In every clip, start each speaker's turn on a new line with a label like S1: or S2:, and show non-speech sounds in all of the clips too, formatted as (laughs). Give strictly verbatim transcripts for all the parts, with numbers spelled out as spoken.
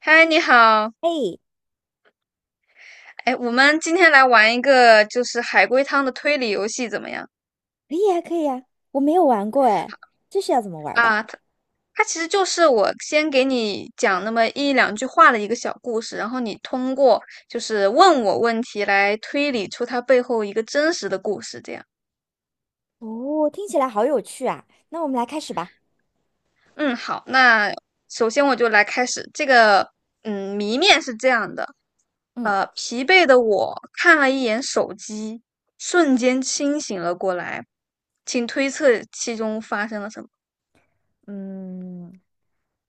S1: 嗨，你好。
S2: 哎，
S1: 哎，我们今天来玩一个就是海龟汤的推理游戏，怎么样？
S2: 可以啊，可以啊，我没有玩过哎，这是要怎么玩的？
S1: 啊，它它其实就是我先给你讲那么一两句话的一个小故事，然后你通过就是问我问题来推理出它背后一个真实的故事，这样。
S2: 哦，听起来好有趣啊！那我们来开始吧。
S1: 嗯，好，那首先我就来开始这个，嗯，谜面是这样的。
S2: 嗯
S1: 呃，疲惫的我看了一眼手机，瞬间清醒了过来，请推测其中发生了什么。
S2: 嗯，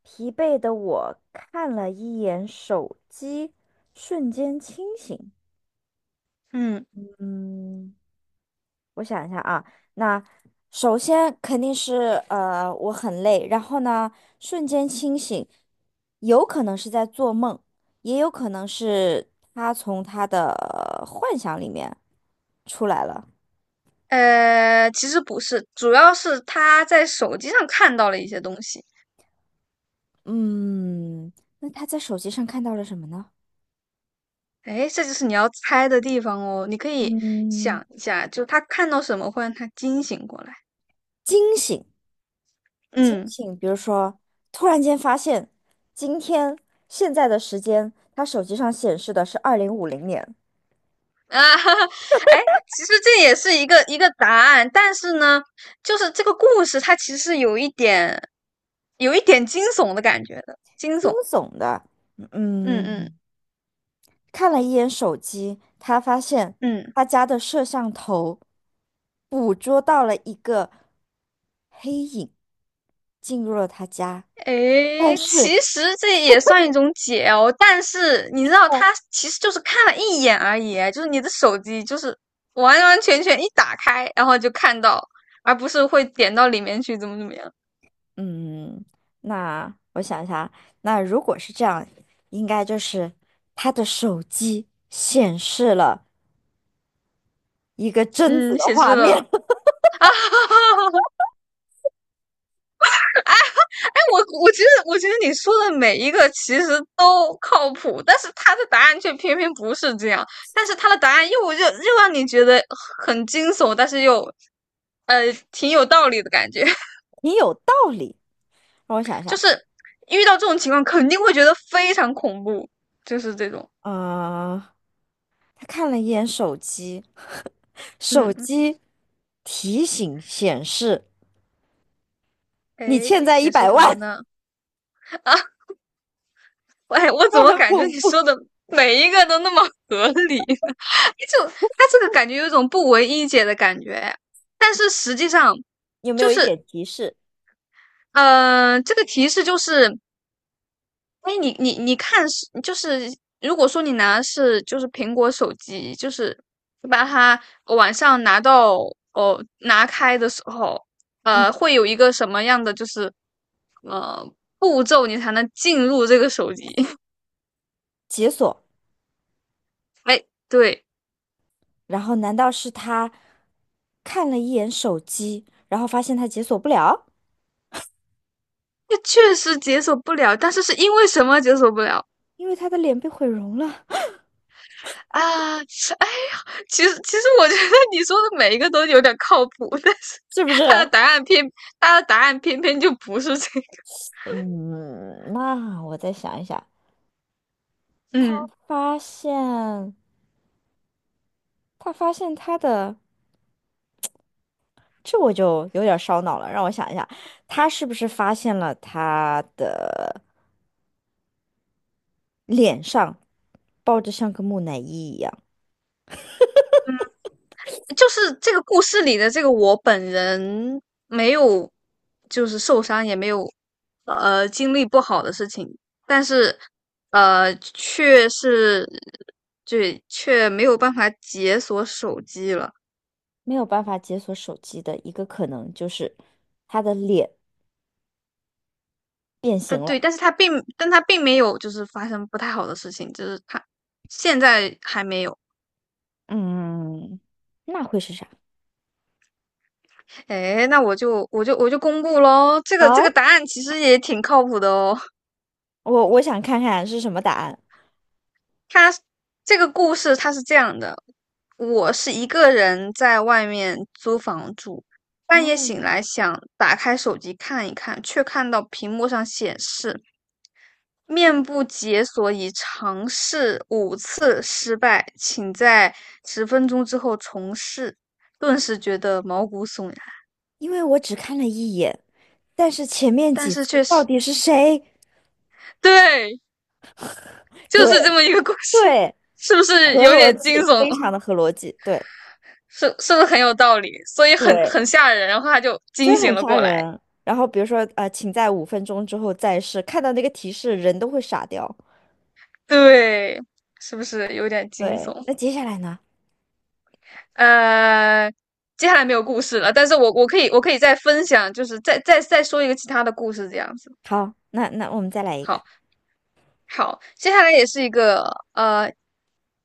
S2: 疲惫的我看了一眼手机，瞬间清醒。
S1: 嗯。
S2: 嗯，我想一下啊，那首先肯定是呃我很累，然后呢瞬间清醒，有可能是在做梦，也有可能是他从他的呃幻想里面出来了。
S1: 呃，其实不是，主要是他在手机上看到了一些东西。
S2: 嗯，那他在手机上看到了什么呢？
S1: 哎，这就是你要猜的地方哦。你可以
S2: 嗯，
S1: 想一下，就他看到什么会让他惊醒过来。
S2: 惊醒，惊
S1: 嗯
S2: 醒，比如说，突然间发现，今天现在的时间，他手机上显示的是二零五零年。
S1: 啊，(laughs) 哈哈。哎，其实这也是一个一个答案，但是呢，就是这个故事它其实是有一点，有一点惊悚的感觉的，惊
S2: 惊
S1: 悚。
S2: 悚的，
S1: 嗯嗯
S2: 嗯，看了一眼手机，他发现
S1: 嗯。
S2: 他家的摄像头捕捉到了一个黑影进入了他家，但
S1: 诶，
S2: 是。
S1: 其实这也算一种解哦，但是你知道，他其实就是看了一眼而已，就是你的手机就是完完全全一打开，然后就看到，而不是会点到里面去，怎么怎么样。
S2: 嗯，那我想一下，那如果是这样，应该就是他的手机显示了一个贞子
S1: 嗯，
S2: 的
S1: 显示
S2: 画
S1: 了
S2: 面。
S1: 啊！(laughs) 哎，我我觉得，我觉得你说的每一个其实都靠谱，但是他的答案却偏偏不是这样，但是他的答案又又又让你觉得很惊悚，但是又呃挺有道理的感觉。
S2: (laughs) 你有道理。让我想一下，
S1: 就是遇到这种情况，肯定会觉得非常恐怖，就是这种。
S2: 嗯、他看了一眼手机，(laughs) 手
S1: 嗯嗯，
S2: 机提醒显示你
S1: 哎，
S2: 欠债一
S1: 显示
S2: 百
S1: 什么
S2: 万，
S1: 呢？
S2: (laughs)
S1: 啊，喂，我怎
S2: 就
S1: 么
S2: 很
S1: 感觉
S2: 恐
S1: 你说
S2: 怖。
S1: 的每一个都那么合理呢？(laughs) 就他这个感觉有一种不唯一解的感觉，但是实际上
S2: 有没
S1: 就
S2: 有一
S1: 是，
S2: 点提示？
S1: 呃，这个提示就是哎，你你你看是就是，如果说你拿的是就是苹果手机，就是你把它晚上拿到哦拿开的时候，
S2: 嗯，
S1: 呃，会有一个什么样的就是呃步骤你才能进入这个手机？(laughs)
S2: 解锁。
S1: 哎，对，
S2: 然后难道是他看了一眼手机，然后发现他解锁不了？
S1: 那确实解锁不了，但是是因为什么解锁不了
S2: 因为他的脸被毁容了。
S1: 啊？哎呀，其实其实我觉得你说的每一个都有点靠谱，但是
S2: 是不是？
S1: 他的答案偏他的答案偏偏就不是这个。
S2: 嗯，那我再想一想，他
S1: 嗯。
S2: 发现他发现他的，这我就有点烧脑了，让我想一下，他是不是发现了他的脸上抱着像个木乃伊一样，
S1: 就是这个故事里的这个我本人没有，就是受伤，也没有呃经历不好的事情，但是呃却是对却没有办法解锁手机了。
S2: 没有办法解锁手机的一个可能就是他的脸变
S1: 呃，
S2: 形了。
S1: 对，但是他并但他并没有就是发生不太好的事情，就是他现在还没有。
S2: 嗯，那会是啥？
S1: 哎，那我就我就我就公布喽，这个这个
S2: 好，
S1: 答案其实也挺靠谱的哦。
S2: 我我想看看是什么答案。
S1: 他这个故事他是这样的：我是一个人在外面租房住，半夜
S2: 哦，
S1: 醒来想打开手机看一看，却看到屏幕上显示面部解锁已尝试五次失败，请在十分钟之后重试。顿时觉得毛骨悚然。
S2: 因为我只看了一眼。但是前面
S1: 但
S2: 几
S1: 是
S2: 次
S1: 确
S2: 到
S1: 实
S2: 底是谁？
S1: (laughs) 对，就
S2: 对
S1: 是这么一个故事。(laughs)
S2: 对，
S1: 是不是
S2: 合
S1: 有
S2: 逻
S1: 点惊
S2: 辑，
S1: 悚？
S2: 非常的合逻辑，对
S1: 是是不是很有道理？所以很
S2: 对，
S1: 很吓人，然后他就惊
S2: 真的
S1: 醒
S2: 很
S1: 了
S2: 吓
S1: 过来。
S2: 人。然后比如说呃，请在五分钟之后再试，看到那个提示人都会傻掉。
S1: 对，是不是有点惊
S2: 对，
S1: 悚？
S2: 那接下来呢？
S1: 呃，接下来没有故事了，但是我我可以我可以再分享，就是再再再说一个其他的故事这样子。
S2: 好，那那我们再来一个
S1: 好，好，接下来也是一个呃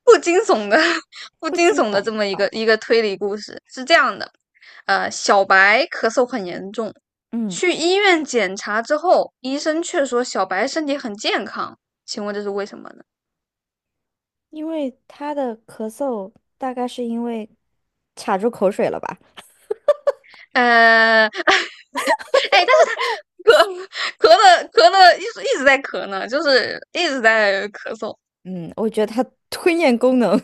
S1: 不惊悚的、(laughs) 不
S2: 不
S1: 惊
S2: 惊
S1: 悚的这
S2: 悚。
S1: 么一个
S2: 好，
S1: 一个推理故事，是这样的。呃，小白咳嗽很严重，
S2: 嗯，
S1: 去医院检查之后，医生却说小白身体很健康，请问这是为什么呢？
S2: 因为他的咳嗽大概是因为卡住口水了吧？
S1: 呃，(laughs) 哎，但是他咳咳了咳了，一直一直在咳呢，就是一直在咳嗽。
S2: 嗯，我觉得它 (laughs) 吞咽功能，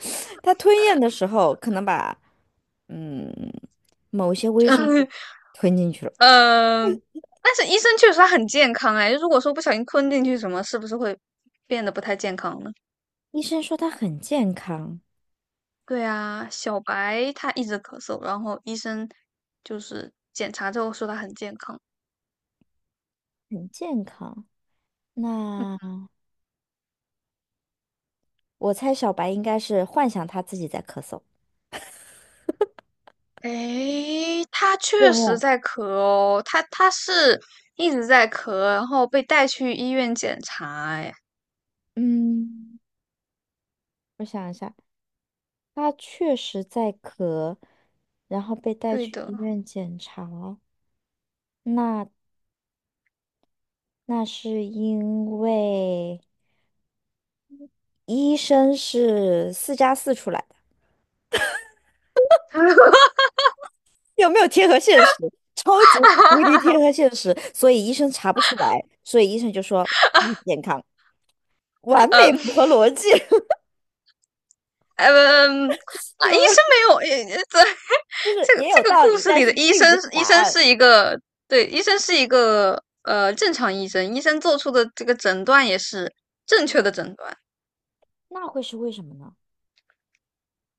S2: (laughs) 它吞咽
S1: 呃，
S2: 的时候可能把嗯某些微生物
S1: (laughs)
S2: 吞进去了。
S1: 嗯、呃但是医生确实他很健康哎，如果说不小心吞进去什么，是不是会变得不太健康呢？
S2: 医生说它很健康，
S1: 对啊，小白他一直咳嗽，然后医生就是检查之后说他很健康。
S2: 很健康。那我猜小白应该是幻想他自己在咳嗽。
S1: 嗯，诶，他确
S2: 有
S1: 实在咳哦，他他是一直在咳，然后被带去医院检查哎，
S2: 嗯，我想一下，他确实在咳，然后被带
S1: 对
S2: 去医
S1: 的。
S2: 院检查。那那是因为医生是四加四出来。有没有贴合现实？超级无敌贴
S1: (laughs)
S2: 合现实，所以医生查不出来，所以医生就说很健康，完
S1: 呃，
S2: 美符合逻辑。(laughs)
S1: 嗯，啊，医
S2: 有没有？
S1: 生没有，呃对。(laughs)
S2: 就是
S1: 这个
S2: 也有
S1: 这个
S2: 道
S1: 故
S2: 理，
S1: 事
S2: 但
S1: 里
S2: 是
S1: 的医
S2: 并
S1: 生，
S2: 不是答
S1: 医生
S2: 案。
S1: 是一个，对，医生是一个呃正常医生，医生做出的这个诊断也是正确的诊断。
S2: 那会是为什么呢？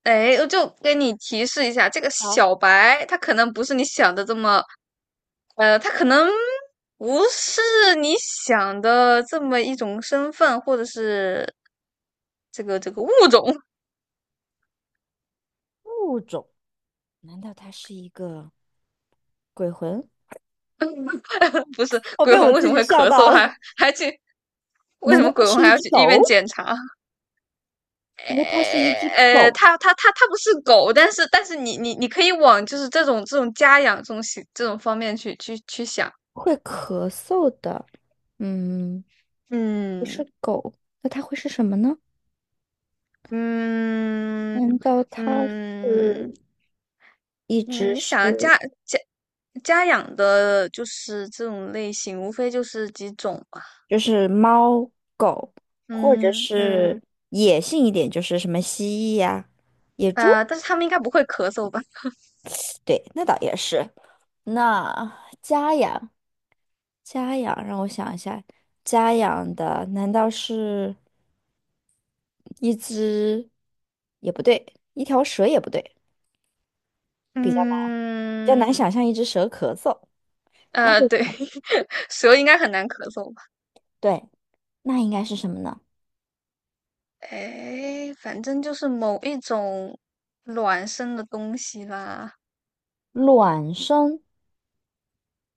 S1: 哎，我就给你提示一下，这个
S2: 啊，
S1: 小白他可能不是你想的这么，呃，他可能不是你想的这么一种身份，或者是这个这个物种。
S2: 物种，难道它是一个鬼魂？
S1: (laughs) 不是
S2: 我
S1: 鬼
S2: 被
S1: 魂
S2: 我
S1: 为什
S2: 自
S1: 么
S2: 己
S1: 会
S2: 笑
S1: 咳嗽
S2: 到
S1: 还
S2: 了。
S1: 还去为
S2: 难
S1: 什
S2: 道
S1: 么
S2: 它
S1: 鬼魂
S2: 是
S1: 还
S2: 一
S1: 要
S2: 只
S1: 去医院
S2: 狗？
S1: 检查？
S2: 因为它是一
S1: 呃
S2: 只
S1: 呃，
S2: 狗，
S1: 它它它它不是狗，但是但是你你你可以往就是这种这种家养这种这种方面去去去想。
S2: 会咳嗽的。嗯，不
S1: 嗯
S2: 是狗，那它会是什么呢？
S1: 嗯
S2: 难道它是
S1: 嗯
S2: 一
S1: 嗯，
S2: 只
S1: 你
S2: 是
S1: 想家家家养的就是这种类型，无非就是几种吧。
S2: 就是猫、狗，或者
S1: 嗯
S2: 是
S1: 嗯。
S2: 野性一点，就是什么蜥蜴呀、野猪。
S1: 呃，但是他们应该不会咳嗽吧？
S2: 对，那倒也是。那家养，家养，让我想一下，家养的难道是一只？也不对，一条蛇也不对，比较
S1: 嗯。
S2: 难想象一只蛇咳嗽。那
S1: 呃，
S2: 不
S1: 对，(laughs) 蛇应该很难咳嗽。
S2: 对，那应该是什么呢？
S1: 哎，反正就是某一种卵生的东西啦。
S2: 卵生？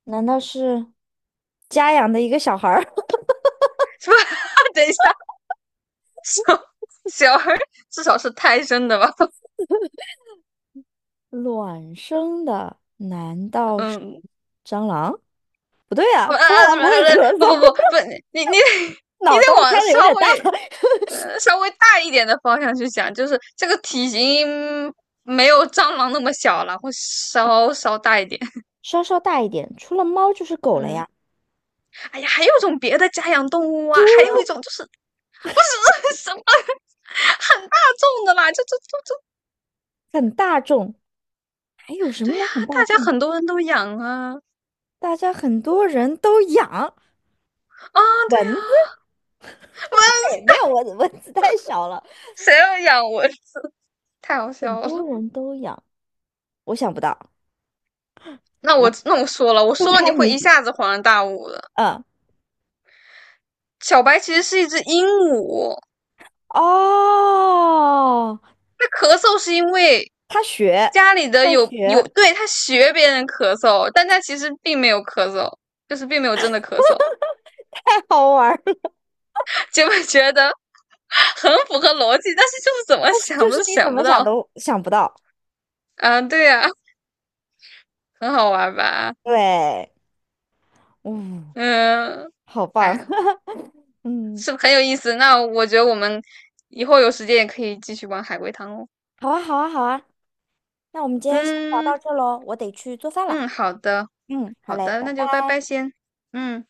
S2: 难道是家养的一个小孩儿？
S1: (laughs) 是吧？(laughs) 等一下，小小孩儿至少是胎生的吧？(laughs)
S2: 卵生的难道是
S1: 嗯，
S2: 蟑螂？不对啊，
S1: 不啊
S2: 蟑螂不会咳
S1: 啊不不不不不，
S2: 嗽。
S1: 你你
S2: (laughs)
S1: 你
S2: 脑
S1: 得
S2: 洞
S1: 往
S2: 开的
S1: 稍
S2: 有点大，
S1: 微呃稍微大一点的方向去想，就是这个体型没有蟑螂那么小了，会稍稍大一点。
S2: (laughs) 稍稍大一点。除了猫就是狗了
S1: 嗯，
S2: 呀，
S1: 哎呀，还有一种别的家养动物啊，还有一种就是不是 (laughs) 什么。很大众的啦，就就就就。
S2: 很大众。还有什
S1: 对
S2: 么
S1: 呀、
S2: 能很大
S1: 大家
S2: 众？
S1: 很多人都养啊。
S2: 大家很多人都养
S1: 啊，对
S2: 蚊子
S1: 呀、不然
S2: 呗，没有蚊子，蚊子太小了。
S1: 谁要养我？太好
S2: 很
S1: 笑
S2: 多
S1: 了。
S2: 人都养。我想不到，
S1: 那
S2: 来
S1: 我那我说了，我
S2: 公
S1: 说了你
S2: 开
S1: 会
S2: 谜
S1: 一
S2: 底。
S1: 下子恍然大悟的。
S2: 嗯，
S1: 小白其实是一只鹦鹉，
S2: 哦，
S1: 它咳嗽是因为
S2: 他学，
S1: 家里的
S2: 在
S1: 有有，
S2: 学，
S1: 对，它学别人咳嗽，但它其实并没有咳嗽，就是并没有真的咳嗽。
S2: 太好玩儿。
S1: 结果觉得很符合逻辑，但是就是怎么
S2: 但是就
S1: 想
S2: 是
S1: 都
S2: 你怎
S1: 想不
S2: 么想
S1: 到。
S2: 都想不到。
S1: 啊，对呀、很好玩吧？
S2: 对，嗯，
S1: 嗯，
S2: 好
S1: 哎
S2: 棒。
S1: 呀，
S2: (laughs) 嗯，
S1: 是很有意思。那我觉得我们以后有时间也可以继续玩海龟汤哦。
S2: 好啊，好啊，好啊，那我们今天先聊
S1: 嗯
S2: 到这喽，我得去做饭了。
S1: 嗯，好的。
S2: 嗯，好
S1: 好
S2: 嘞，
S1: 的，
S2: 拜
S1: 那
S2: 拜。
S1: 就拜拜先。嗯。